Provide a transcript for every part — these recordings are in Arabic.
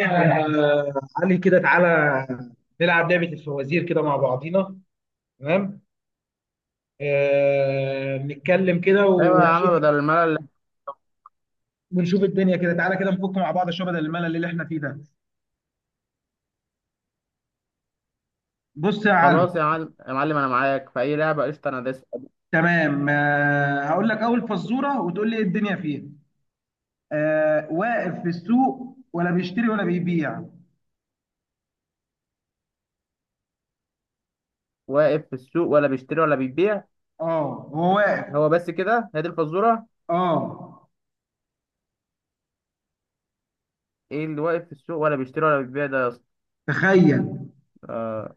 علي، كده تعالى نلعب لعبة الفوازير كده مع بعضينا. تمام. نتكلم كده ايوه يا عم، ونشوف بدل الملل. ونشوف الدنيا كده. تعالى كده نفك مع بعض شوية بدل الملل اللي احنا فيه ده. بص يا علي. خلاص يا معلم، يا معلم انا معاك في اي لعبه. قشطه، انا دايس. تمام، هقول لك أول فزورة وتقول لي ايه الدنيا فيها. واقف في السوق ولا بيشتري ولا بيبيع. واقف في السوق ولا بيشتري ولا بيبيع؟ اه هو واقف. هو بس كده؟ هي دي الفزوره؟ اه. ايه اللي واقف في السوق ولا بيشتري ولا بيبيع ده يا اسطى؟ تخيل. آه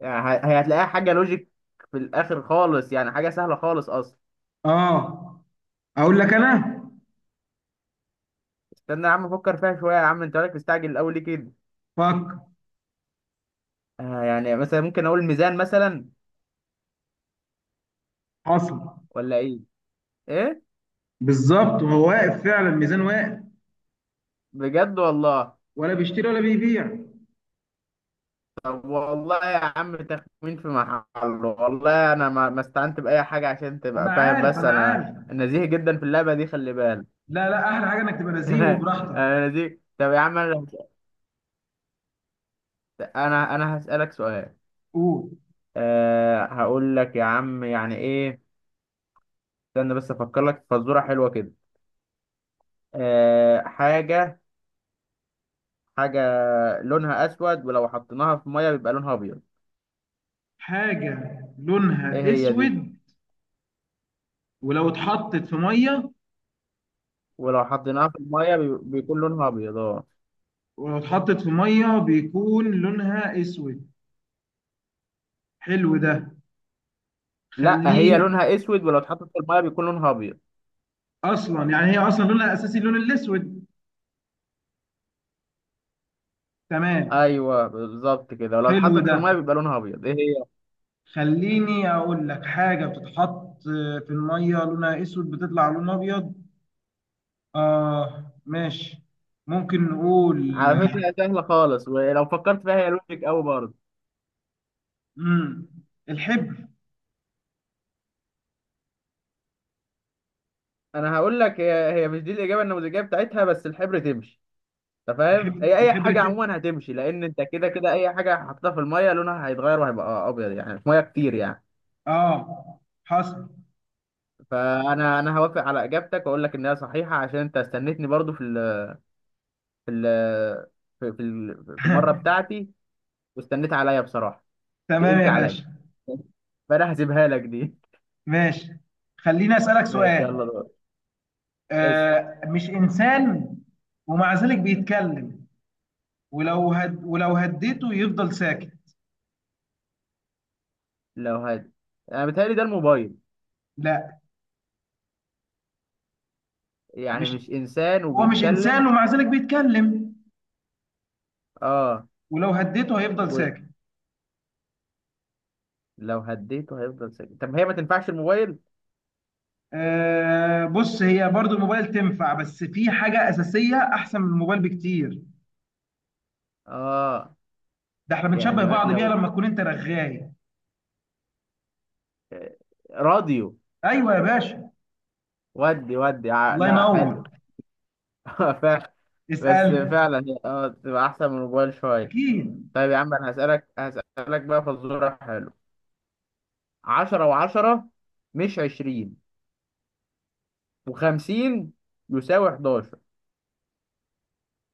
يعني هي هتلاقيها حاجه لوجيك في الاخر خالص، يعني حاجه سهله خالص اصلا. اه. اقول لك انا. استنى يا عم افكر فيها شويه، يا عم انت مالك مستعجل الاول ليه كده؟ فك. يعني مثلا ممكن اقول ميزان مثلا، حصل. ولا ايه؟ ايه، بالظبط، وهو واقف فعلا، ميزان واقف بجد والله؟ ولا بيشتري ولا بيبيع. طب والله يا عم تخمين في محله. والله انا ما استعنت باي حاجه عشان انا تبقى فاهم، عارف، بس انا انا عارف. نزيه جدا في اللعبه دي خلي بالك. لا لا، احلى حاجه انك تبقى نزيه وبراحتك. انا نزيه. طب يا عم انا انا هسالك سؤال. قول. أه هقول لك يا عم يعني ايه. استنى بس افكر لك في فزوره حلوه كده. أه، حاجه، حاجه لونها اسود ولو حطيناها في ميه بيبقى لونها ابيض. حاجه لونها ايه هي؟ دي اسود ولو اتحطت في ميه. ولو حطيناها في الميه بيكون لونها ابيض، اه. ولو اتحطت في ميه بيكون لونها اسود؟ حلو ده. لا هي خليه. لونها اسود ولو اتحطت في الميه بيكون لونها ابيض. اصلا يعني هي اصلا لونها الاساسي اللون الاسود. تمام. ايوه بالظبط كده، ولو حلو اتحطت في ده. الميه بيبقى لونها ابيض. ايه هي؟ خليني اقول لك حاجه بتتحط في الميه لونها اسود بتطلع لون ابيض. آه ماشي. ممكن نقول على فكره هي سهله خالص، ولو فكرت فيها هي لوجيك قوي برضه. مم. الحبر. انا هقول لك، هي مش دي الاجابه النموذجيه بتاعتها، بس الحبر تمشي. انت فاهم، الحبر هي اي الحبر حاجه تك. عموما هتمشي لان انت كده كده اي حاجه حطيتها في الميه لونها هيتغير وهيبقى ابيض، يعني في ميه كتير يعني. اه حصل. فانا هوافق على اجابتك واقول لك ان هي صحيحه، عشان انت استنيتني برضه في ال في المره بتاعتي، واستنيت عليا بصراحه، تمام تقلت يا عليا، باشا. فانا هسيبها لك دي. ماشي. خليني أسألك ماشي سؤال. يلا دور، اسأل. مش إنسان ومع ذلك بيتكلم. ولو هديته يفضل ساكت. لو هاد، انا بيتهيألي ده الموبايل. لا. يعني مش مش انسان هو مش إنسان وبيتكلم؟ ومع ذلك بيتكلم اه. ولو هديته هيفضل ولو ساكت. هديته هيفضل ساكت؟ طب هي ما تنفعش الموبايل؟ بص، هي برضو الموبايل تنفع بس في حاجة أساسية أحسن من الموبايل بكتير. اه. ده احنا بنشبه يعني بعض بيها لو لما تكون انت رغاي. آه، راديو؟ ايوه يا باشا. الله لا، حلو. ينور. فعلا. بس اسالني. فعلا اه تبقى احسن من الموبايل شوية. اكيد. طيب يا عم انا هسألك بقى فزورة حلو. 10 و10 مش 20، وخمسين يساوي 11.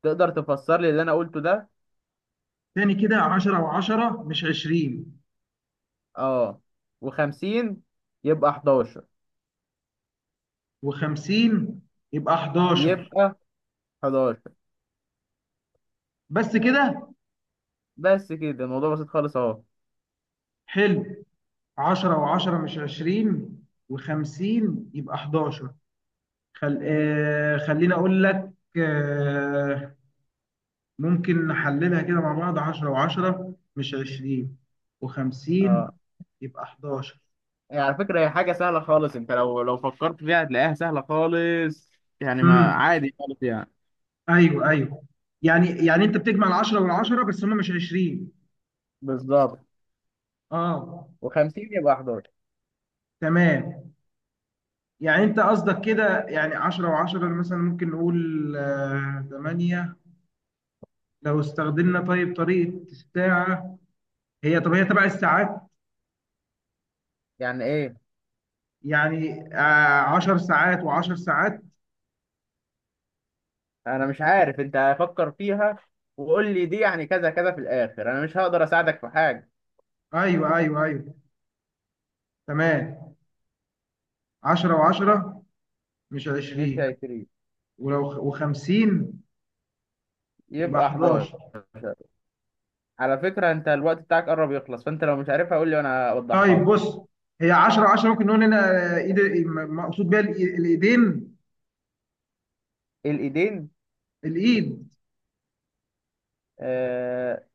تقدر تفسر لي اللي انا قلته ده؟ تاني كده، 10 و10 مش 20، اه، و50 يبقى 11. و50 يبقى 11. يبقى 11. بس كده. بس كده، الموضوع بسيط خالص اهو. حلو. 10 و10 مش 20، و50 يبقى 11. خليني اقول لك. آه... ممكن نحللها كده مع بعض. 10 و10 مش 20، و50 اه. يبقى 11. يعني على فكرة هي حاجة سهلة خالص، انت لو فكرت فيها هتلاقيها سهلة خالص، يعني ما عادي خالص يعني. ايوه ايوه. يعني انت بتجمع العشرة والعشرة بس هم مش 20. بالظبط. اه. و50 يبقى 11. تمام. يعني انت قصدك كده، يعني 10 و10 مثلا ممكن نقول 8 لو استخدمنا طيب طريقة الساعة. هي، طب هي تبع الساعات. يعني ايه؟ يعني 10 ساعات و10 ساعات. انا مش عارف، انت هفكر فيها وقول لي دي يعني كذا كذا في الاخر، انا مش هقدر اساعدك في حاجة. ايوه ايوه ايوه. تمام. 10 و10 مش مش 20، هيفرق. و50 يبقى يبقى 11. 11. على فكرة انت الوقت بتاعك قرب يخلص، فانت لو مش عارفها قول لي وانا اوضحها طيب لك. بص، هي 10 10 ممكن نقول هنا ايد. مقصود بيها الايدين. الايدين؟ الايد. آه،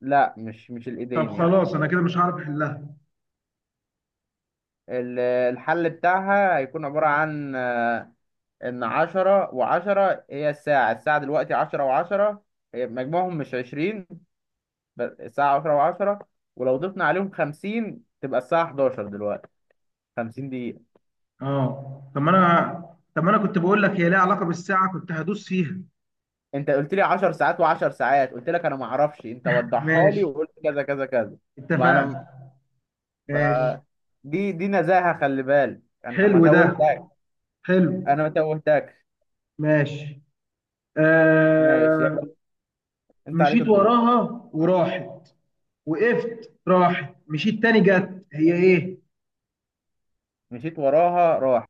لا مش طب الإيدين يعني. خلاص، انا كده مش هعرف احلها. الحل بتاعها هيكون عبارة عن آه، إن 10 و10 هي الساعة، الساعة دلوقتي 10 و10، هي مجموعهم مش 20، بس الساعة 10 و10. ولو ضفنا عليهم 50 تبقى الساعة 11 دلوقتي، 50 دقيقة. اه. طب ما انا كنت بقول لك هي ليها علاقه بالساعه، كنت هدوس فيها. أنت قلت لي 10 ساعات وعشر ساعات، قلت لك أنا معرفش، أنت وضحها لي ماشي. وقلت كذا كذا كذا. ما أنا اتفقنا. ب- ماشي. دي دي نزاهة، خلي بالك أنا ما حلو ده. توهتك، حلو. أنا ما توهتكش. ماشي. ماشي آه. يلا، انت عليك مشيت الضوء. وراها وراحت، وقفت راحت، مشيت تاني جت. هي ايه؟ مشيت وراها، راح.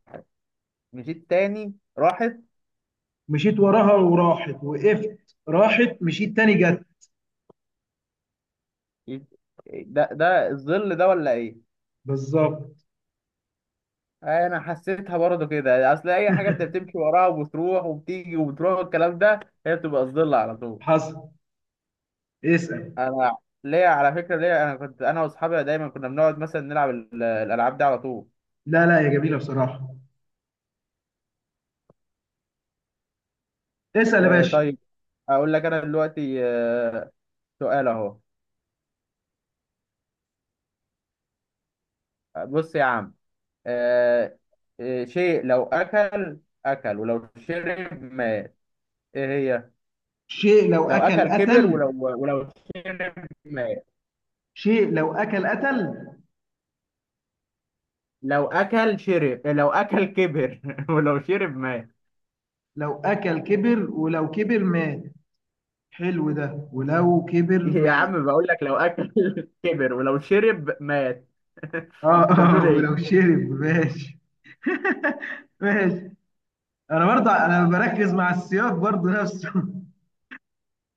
مشيت تاني، راحت. مشيت وراها وراحت، وقفت راحت، مشيت تاني جت. يت- ده ده الظل، ده ولا ايه؟ بالظبط. انا حسيتها برضه كده، اصل اي حاجه انت بتمشي وراها وبتروح وبتيجي وبتروح والكلام ده، هي بتبقى الظل على طول. حصل. اسأل. انا ليا على فكره، ليا انا، كنت انا واصحابي دايما كنا بنقعد مثلا نلعب الالعاب دي على طول. لا لا يا جميلة، بصراحة. اسأل يا آه باشا. طيب، اقول لك انا دلوقتي آه، سؤال اهو. بص يا عم، آه شيء لو اكل، اكل ولو شرب مات، ايه هي؟ شيء لو لو أكل اكل كبر قتل. ولو شرب مات. شيء لو أكل قتل. لو اكل شرب، لو اكل كبر، ولو شرب مات. لو أكل كبر، ولو كبر مات. حلو ده، ولو كبر يا مات. عم بقول لك لو اكل كبر ولو شرب مات. اه انت بتقول اه. ولو ايه؟ شرب. ماشي. ماشي انا برضه بركز مع السياق برضه نفسه.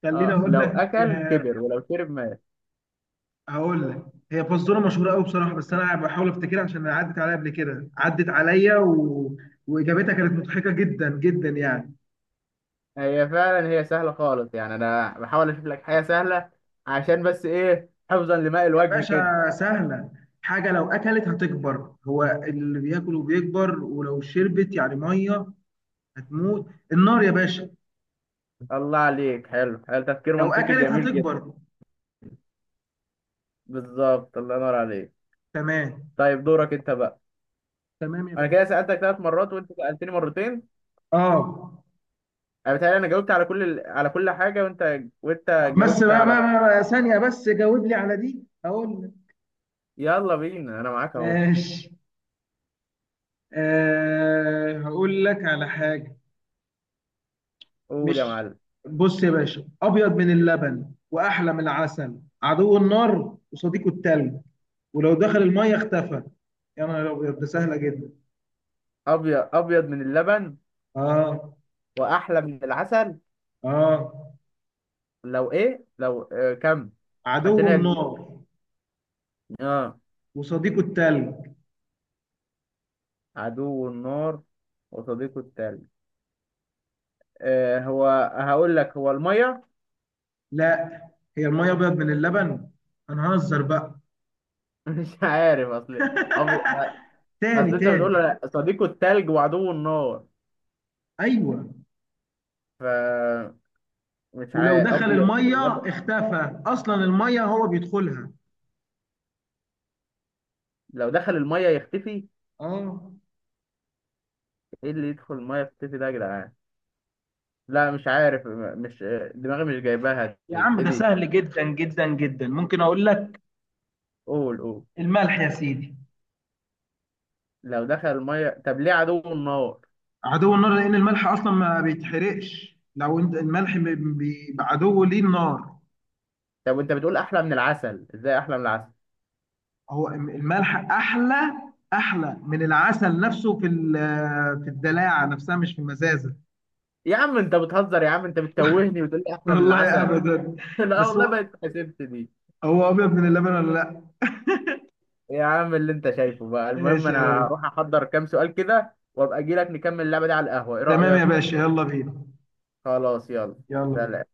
خليني اه، اقول لو لك. اكل كبر ولو شرب مات. هقول لك. هي فزوره مشهوره قوي بصراحه، بس انا بحاول افتكرها عشان عدت عليا قبل كده، عدت عليا، و... واجابتها كانت مضحكه جدا جدا يعني. هي فعلا هي سهله خالص، يعني انا بحاول اشوف لك حاجه سهله عشان بس ايه، حفظا لماء يا الوجه كده. باشا سهله. حاجه لو اكلت هتكبر، هو اللي بياكل وبيكبر، ولو شربت يعني ميه هتموت. النار يا باشا. الله عليك، حلو حلو، تفكير لو منطقي اكلت جميل جدا. هتكبر. بالظبط، الله ينور عليك. تمام. طيب دورك انت بقى. تمام يا انا باشا. كده سألتك 3 مرات وانت سألتني مرتين. اه. انا بتهيألي انا جاوبت على كل ال... على كل حاجه، وانت طب وانت بس، جاوبت بقى بقى على. بقى بقى ثانيه بس جاوب لي على دي هقول لك. يلا بينا، انا معاك اهو. ماشي. هقول لك على حاجه. قول يا مش معلم. بص يا باشا، ابيض من اللبن واحلى من العسل، عدو النار وصديقه التلج، ولو دخل الميه اختفى. يا نهار ابيض ده سهله جدا. ابيض، ابيض من اللبن اه واحلى من العسل. اه. لو ايه، لو كم؟ عشان عدو هي كبيرة. النار اه، وصديقه التلج. عدو النار وصديقه التلج، هو هقول لك، هو الميه. لا، هي الميه ابيض من اللبن؟ هنهزر بقى؟ مش عارف، اصل ابيض، تاني اصل انت بتقول تاني. لا، صديقه التلج وعدو النار، ايوه. ف مش ولو عارف. دخل ابيض من الميه اللبن، اختفى، اصلا الميه هو بيدخلها. لو دخل الميه يختفي. اه. ايه اللي يدخل الميه يختفي ده يا جدعان؟ لا مش عارف، مش دماغي مش جايباها يا دي، عم ايه ده دي؟ سهل جدا جدا جدا. ممكن اقول لك. قول قول. الملح يا سيدي. لو دخل الميه، طب ليه عدو النار؟ عدو النار لان الملح اصلا ما بيتحرقش، لو انت الملح بيبقى عدو ليه النار. طب وانت بتقول احلى من العسل، ازاي احلى من العسل؟ هو الملح احلى من العسل نفسه في الدلاعه نفسها مش في المزازه. يا عم انت بتهزر، يا عم انت بتتوهني وتقول لي احلى من والله العسل. ابدا. لا بس والله ما هو اتحسبت دي. هو ابيض من اللبن ولا لا؟ يا عم اللي انت شايفه بقى، المهم ماشي يا انا ريس. هروح احضر كام سؤال كده وابقى اجي لك نكمل اللعبه دي على القهوه، ايه تمام يا رايك؟ باشا. يلا بينا. خلاص يلا. يلا بينا. سلام.